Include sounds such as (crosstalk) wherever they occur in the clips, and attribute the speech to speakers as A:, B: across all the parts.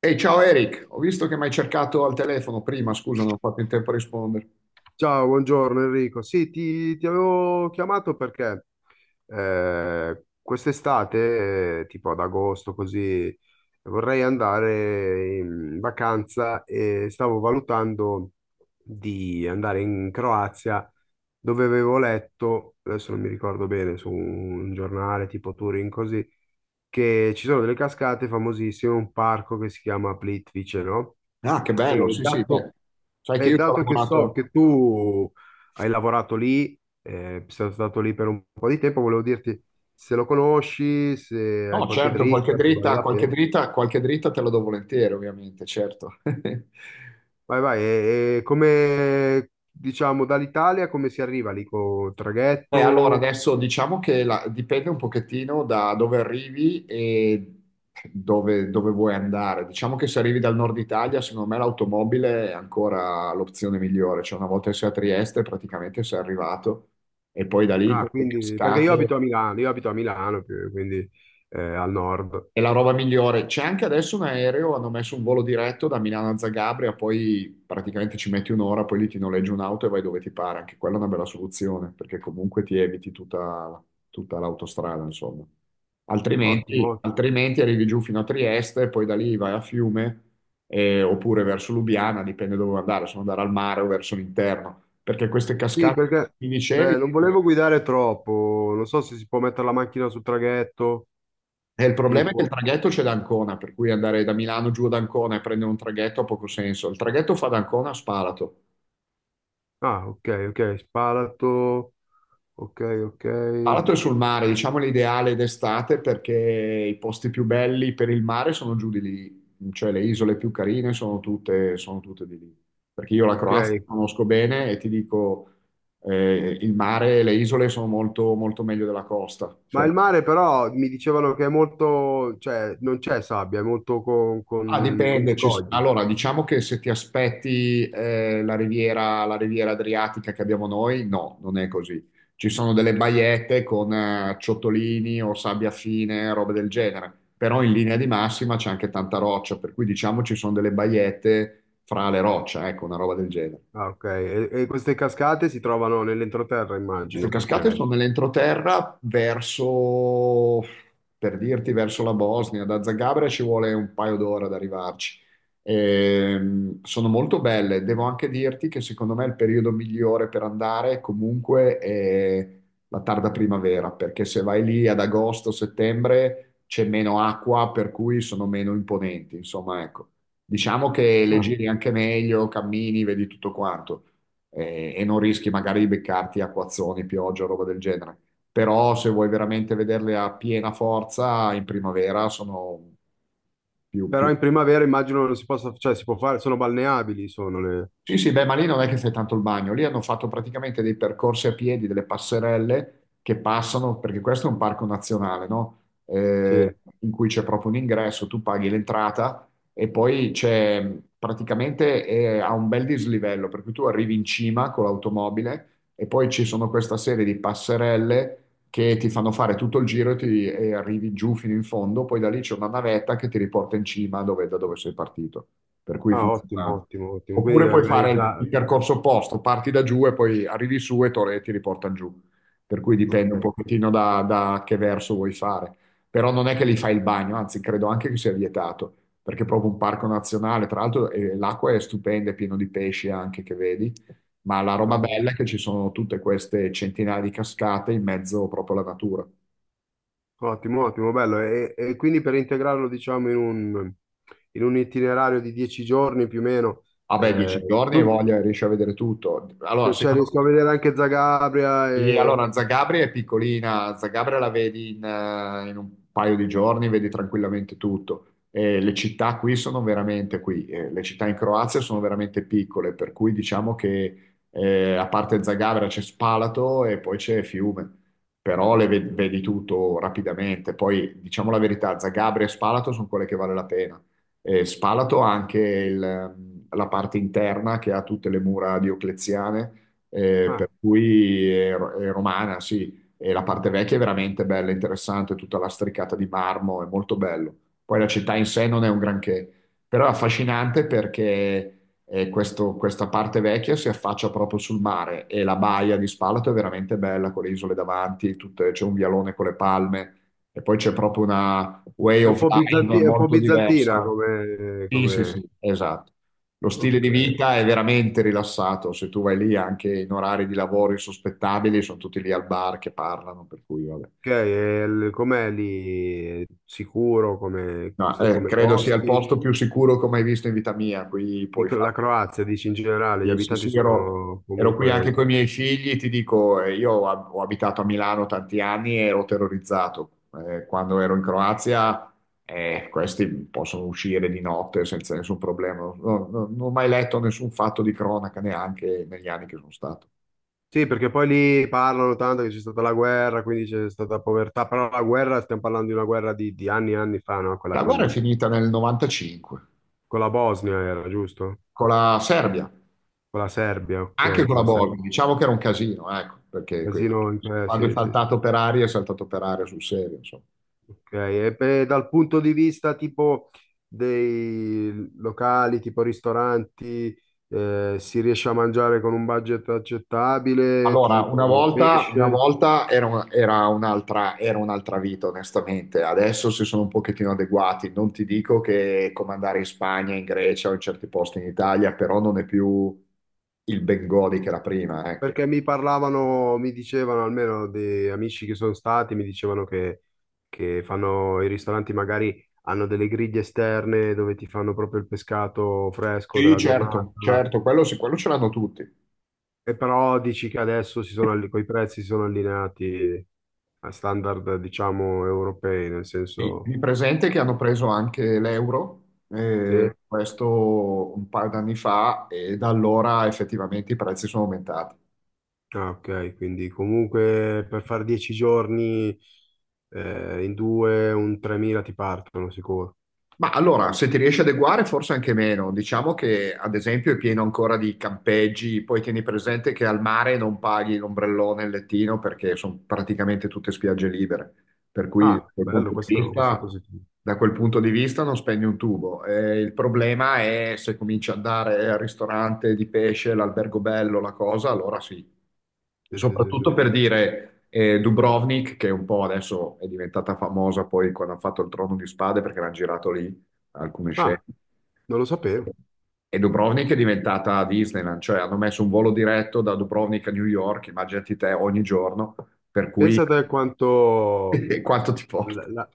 A: Ehi, ciao Eric, ho visto che mi hai cercato al telefono prima, scusa, non ho fatto in tempo a rispondere.
B: Ciao, buongiorno Enrico. Sì, ti avevo chiamato perché quest'estate, tipo ad agosto, così vorrei andare in vacanza e stavo valutando di andare in Croazia, dove avevo letto, adesso non mi ricordo bene, su un giornale tipo Turin, così, che ci sono delle cascate famosissime, un parco che si chiama Plitvice, no?
A: Ah, che bello,
B: E
A: sì, sì,
B: dato
A: beh, sai che
B: e
A: io ci ho
B: dato che so
A: lavorato.
B: che tu hai lavorato lì, sei stato lì per un po' di tempo, volevo dirti se lo conosci, se hai
A: No,
B: qualche
A: certo, qualche
B: dritta, se vale
A: dritta,
B: la pena.
A: te la do volentieri, ovviamente, certo. (laughs)
B: Vai, vai, e come diciamo dall'Italia come si arriva lì con
A: Allora,
B: traghetto?
A: adesso diciamo che dipende un pochettino da dove arrivi e dove vuoi andare. Diciamo che se arrivi dal nord Italia, secondo me l'automobile è ancora l'opzione migliore. Cioè, una volta che sei a Trieste, praticamente sei arrivato. E poi da lì con
B: Ah,
A: le
B: quindi perché
A: cascate.
B: io abito a Milano, più- quindi al nord.
A: È la roba migliore. C'è anche adesso un aereo, hanno messo un volo diretto da Milano a Zagabria, poi praticamente ci metti un'ora, poi lì ti noleggi un'auto e vai dove ti pare. Anche quella è una bella soluzione, perché comunque ti eviti tutta l'autostrada, insomma. Altrimenti,
B: Ottimo.
A: altrimenti arrivi giù fino a Trieste, poi da lì vai a Fiume, oppure verso Lubiana, dipende dove vuoi andare, se vuoi andare al mare o verso l'interno. Perché queste
B: Sì,
A: cascate,
B: perché
A: che mi dicevi,
B: non volevo guidare troppo, non so se si può mettere la macchina sul traghetto,
A: e il problema è che il
B: tipo.
A: traghetto c'è da Ancona, per cui andare da Milano giù ad Ancona e prendere un traghetto ha poco senso. Il traghetto fa da Ancona a Spalato.
B: Ah, ok, ok, Spalato, ok, ok,
A: Spalato è sul mare, diciamo l'ideale d'estate perché i posti più belli per il mare sono giù di lì, cioè le isole più carine sono tutte di lì. Perché io la
B: ok.
A: Croazia la conosco bene e ti dico, il mare e le isole sono molto, molto meglio della costa.
B: Ma il mare però mi dicevano che è molto, cioè non c'è sabbia, è molto
A: Ah,
B: con
A: dipende.
B: scogli.
A: Allora, diciamo che se ti aspetti la riviera Adriatica che abbiamo noi, no, non è così. Ci sono delle baiette con ciottolini o sabbia fine, robe del genere. Però in linea di massima c'è anche tanta roccia, per cui diciamo ci sono delle baiette fra le rocce, ecco, una roba del genere.
B: Ah, ok. E queste cascate si trovano nell'entroterra,
A: Queste
B: immagino,
A: cascate
B: perché...
A: sono nell'entroterra verso, per dirti, verso la Bosnia. Da Zagabria ci vuole un paio d'ore ad arrivarci. Sono molto belle. Devo anche dirti che secondo me il periodo migliore per andare comunque è la tarda primavera, perché se vai lì ad agosto, settembre c'è meno acqua, per cui sono meno imponenti. Insomma, ecco. Diciamo che le
B: Ah.
A: giri anche meglio, cammini, vedi tutto quanto e non rischi magari di beccarti acquazzoni, pioggia, roba del genere. Però se vuoi veramente vederle a piena forza in primavera sono
B: Però
A: più
B: in primavera immagino non si possa, cioè si può fare, sono balneabili, sono le...
A: sì, sì, beh, ma lì non è che fai tanto il bagno, lì hanno fatto praticamente dei percorsi a piedi, delle passerelle che passano, perché questo è un parco nazionale, no? Eh,
B: Sì.
A: In cui c'è proprio un ingresso, tu paghi l'entrata e poi c'è praticamente ha un bel dislivello, per cui tu arrivi in cima con l'automobile e poi ci sono questa serie di passerelle che ti fanno fare tutto il giro e, e arrivi giù fino in fondo, poi da lì c'è una navetta che ti riporta in cima da dove sei partito, per cui
B: Ah, ottimo,
A: funziona.
B: ottimo, ottimo. Quindi
A: Oppure puoi fare il
B: organizzare...
A: percorso opposto, parti da giù e poi arrivi su e ti riportano giù. Per cui dipende un
B: Ok.
A: pochettino da, da che verso vuoi fare. Però non è che li fai il bagno, anzi credo anche che sia vietato, perché è proprio un parco nazionale, tra l'altro l'acqua è stupenda, è pieno di pesci anche che vedi, ma la roba
B: Ah,
A: bella è che ci sono tutte queste centinaia di cascate in mezzo proprio alla natura.
B: ottimo, ottimo, bello. E quindi per integrarlo, diciamo, in un itinerario di 10 giorni più o meno,
A: Vabbè,
B: eh,
A: dieci giorni e
B: tu-
A: voglia, riesci a vedere tutto. Allora,
B: cioè
A: secondo
B: riesco a
A: me
B: vedere anche Zagabria
A: sì,
B: e...
A: allora Zagabria è piccolina, Zagabria la vedi in, in un paio di giorni, vedi tranquillamente tutto. E le città qui sono veramente qui, le città in Croazia sono veramente piccole, per cui diciamo che a parte Zagabria c'è Spalato e poi c'è Fiume, però vedi tutto rapidamente. Poi diciamo la verità, Zagabria e Spalato sono quelle che vale la pena. E Spalato ha anche la parte interna che ha tutte le mura diocleziane
B: Ah,
A: per cui è romana, sì, e la parte vecchia è veramente bella, interessante, tutta lastricata di marmo, è molto bello. Poi la città in sé non è un granché, però è affascinante perché questa parte vecchia si affaccia proprio sul mare e la baia di Spalato è veramente bella con le isole davanti, c'è un vialone con le palme e poi c'è proprio una way
B: è un
A: of
B: po'
A: life
B: bizanti- è un po'
A: molto
B: bizantina
A: diversa.
B: come...
A: Sì, sì,
B: come-
A: sì, esatto. Lo stile
B: Ok,
A: di vita è veramente rilassato. Se tu vai lì anche in orari di lavoro insospettabili, sono tutti lì al bar che parlano, per cui vabbè.
B: ok, e il- com'è lì? È sicuro come,
A: No,
B: so- come
A: credo sia il
B: costi?
A: posto più sicuro come hai visto in vita mia. Qui puoi
B: Dico, la
A: fare
B: Croazia, dici in generale, gli
A: sì, sì,
B: abitanti
A: sì,
B: sono
A: ero qui anche
B: comunque
A: con i miei figli, ti dico, io ho abitato a Milano tanti anni e ero terrorizzato. Quando ero in Croazia, questi possono uscire di notte senza nessun problema. Non ho mai letto nessun fatto di cronaca neanche negli anni che sono stato.
B: sì, perché poi lì parlano tanto che c'è stata la guerra, quindi c'è stata povertà, però la guerra, stiamo parlando di una guerra di anni e anni fa, no? Quella
A: La guerra è finita nel '95
B: con la Bosnia era, giusto?
A: con la Serbia,
B: Con la Serbia,
A: anche
B: ok,
A: con
B: con
A: la
B: la
A: Bosnia.
B: Serbia.
A: Diciamo che era un casino, ecco, perché
B: Casino,
A: quando è
B: sì, sì, sì.
A: saltato per aria, è saltato per aria sul serio,
B: Ok, e beh, dal punto di vista tipo dei locali, tipo ristoranti, si riesce a mangiare con un budget accettabile,
A: allora,
B: tipo
A: una
B: pesce?
A: volta era un'altra vita, onestamente. Adesso si sono un pochettino adeguati. Non ti dico che è come andare in Spagna, in Grecia o in certi posti in Italia, però non è più il Bengodi che era prima, ecco.
B: Perché mi parlavano, mi dicevano, almeno di amici che sono stati, mi dicevano che fanno i ristoranti, magari hanno delle griglie esterne dove ti fanno proprio il pescato fresco
A: Sì,
B: della
A: certo,
B: giornata,
A: certo, quello sì, quello ce l'hanno tutti.
B: e però dici che adesso si sono, alli- coi prezzi si sono allineati a standard, diciamo, europei, nel
A: Sì,
B: senso...
A: mi presente che hanno preso anche l'euro,
B: Sì?
A: questo un paio d'anni fa, e da allora effettivamente i prezzi sono aumentati.
B: Ah, ok, quindi comunque per fare 10 giorni in due, un 3.000 ti partono sicuro.
A: Ma allora, se ti riesci ad adeguare, forse anche meno. Diciamo che, ad esempio, è pieno ancora di campeggi, poi tieni presente che al mare non paghi l'ombrellone e il lettino perché sono praticamente tutte spiagge libere. Per cui, da
B: Ah,
A: quel
B: bello,
A: punto di
B: questo è
A: vista,
B: positivo.
A: non spendi un tubo. Il problema è se cominci ad andare al ristorante di pesce, l'albergo bello, la cosa, allora sì.
B: Sì, sì, sì, sì.
A: Soprattutto per dire Dubrovnik, che un po' adesso è diventata famosa poi quando hanno fatto il Trono di Spade perché l'hanno girato lì alcune
B: Ah,
A: scene.
B: non lo sapevo.
A: E Dubrovnik è diventata Disneyland, cioè hanno messo un volo diretto da Dubrovnik a New York, immaginati te ogni giorno, per cui
B: Pensate quanto
A: (laughs) quanto ti porta.
B: la, la-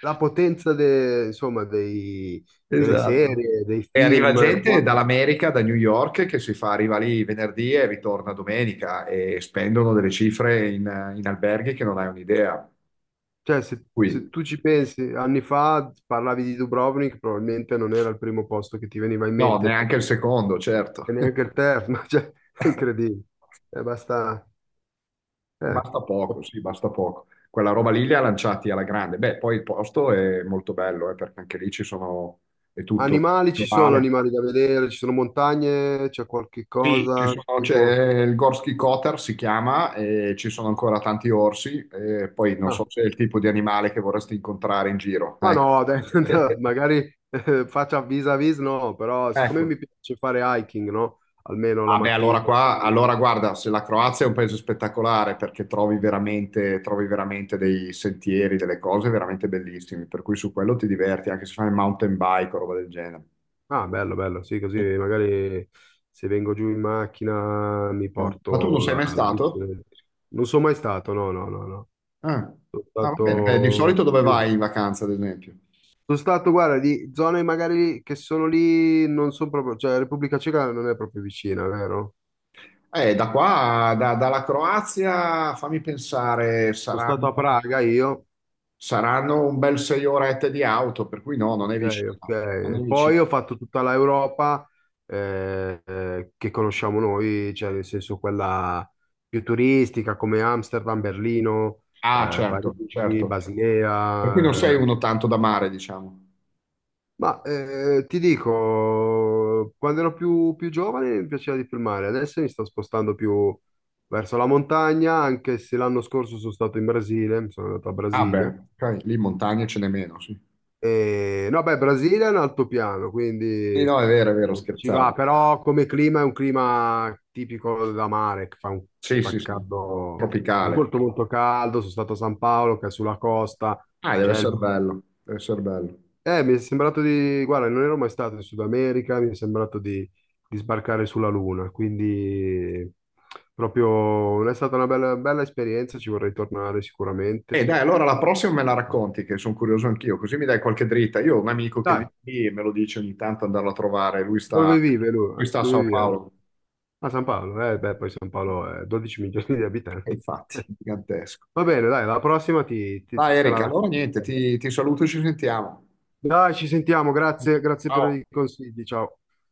B: la potenza de- insomma, dei- delle serie, dei
A: E arriva
B: film.
A: gente
B: Qua-
A: dall'America, da New York, che si fa, arriva lì venerdì e ritorna domenica e spendono delle cifre in alberghi che non hai un'idea.
B: cioè, se,
A: Qui,
B: se tu ci pensi, anni fa parlavi di Dubrovnik, probabilmente non era il primo posto che ti veniva in
A: no,
B: mente,
A: neanche il secondo,
B: e
A: certo.
B: neanche il
A: (laughs)
B: terzo, (laughs) cioè, è incredibile. Basta... eh.
A: Basta poco, sì, basta poco. Quella roba lì li ha lanciati alla grande. Beh, poi il posto è molto bello, perché anche lì ci sono, è tutto
B: Animali, ci sono
A: naturale.
B: animali da vedere, ci sono montagne, c'è qualche cosa, tipo...
A: C'è il Gorski Kotar, si chiama, e ci sono ancora tanti orsi, e poi non
B: Ah,
A: so se è il tipo di animale che vorresti incontrare in giro.
B: ma no, dai, (laughs) no,
A: (laughs)
B: magari faccia vis-à-vis, no, però siccome
A: Ecco,
B: mi piace fare hiking, no? Almeno la
A: ah beh, allora
B: mattina.
A: qua,
B: Così.
A: allora guarda, se la Croazia è un paese spettacolare perché trovi veramente dei sentieri, delle cose veramente bellissime, per cui su quello ti diverti anche se fai mountain bike o roba del genere.
B: Ah, bello, bello, sì, così
A: Sì.
B: magari se vengo giù in macchina mi
A: Ma tu non
B: porto
A: sei
B: la,
A: mai
B: la bici.
A: stato?
B: Non sono mai stato, no, no, no, no.
A: Ah,
B: Sono
A: ah, va bene. Di solito
B: stato
A: dove
B: più.
A: vai in vacanza, ad esempio?
B: Sono stato, guarda, di zone magari che sono lì, non sono proprio, cioè Repubblica Ceca non è proprio vicina, vero?
A: Da qua, dalla Croazia, fammi pensare,
B: Sono stato a Praga io,
A: saranno un bel 6 orette di auto, per cui no, non è
B: ok,
A: vicino. Non è
B: ok.
A: vicino.
B: Poi ho fatto tutta l'Europa che conosciamo noi, cioè nel senso quella più turistica come Amsterdam, Berlino,
A: Ah, certo,
B: Parigi,
A: certo. Per cui non
B: Basilea. Eh.
A: sei uno tanto da mare, diciamo.
B: Ma ti dico, quando ero più giovane mi piaceva di più il mare, adesso mi sto spostando più verso la montagna, anche se l'anno scorso sono stato in Brasile, mi sono andato a
A: Ah beh,
B: Brasilia.
A: ok, lì montagne ce n'è meno, sì.
B: E, no, beh, Brasile è un altopiano,
A: Sì,
B: quindi
A: no, è vero,
B: ci va,
A: scherzavo.
B: però come clima è un clima tipico da mare, che fa un
A: Sì, sì,
B: fa
A: sì.
B: caldo, fa
A: Tropicale.
B: molto molto caldo, sono stato a San Paolo, che è sulla costa,
A: Ah, deve
B: c'è
A: essere
B: il-
A: bello, deve essere bello.
B: mi è sembrato di, guarda, non ero mai stato in Sud America, mi è sembrato di sbarcare sulla Luna, quindi proprio è stata una bella, bella esperienza, ci vorrei tornare sicuramente.
A: E dai, allora la prossima me la racconti, che sono curioso anch'io, così mi dai qualche dritta. Io ho un amico che
B: Dai,
A: vive lì e me lo dice ogni tanto andarlo a trovare,
B: dove vive lui?
A: lui sta a
B: Dove
A: Sao
B: vive?
A: Paolo.
B: A San Paolo, beh, poi San Paolo è 12 milioni di
A: E
B: abitanti.
A: infatti, gigantesco.
B: (laughs) Va bene, dai, la prossima
A: Dai
B: te la
A: Erika, allora niente,
B: racconto.
A: ti saluto e ci sentiamo.
B: Dai, ci sentiamo, grazie, grazie per
A: Ciao.
B: i consigli, ciao.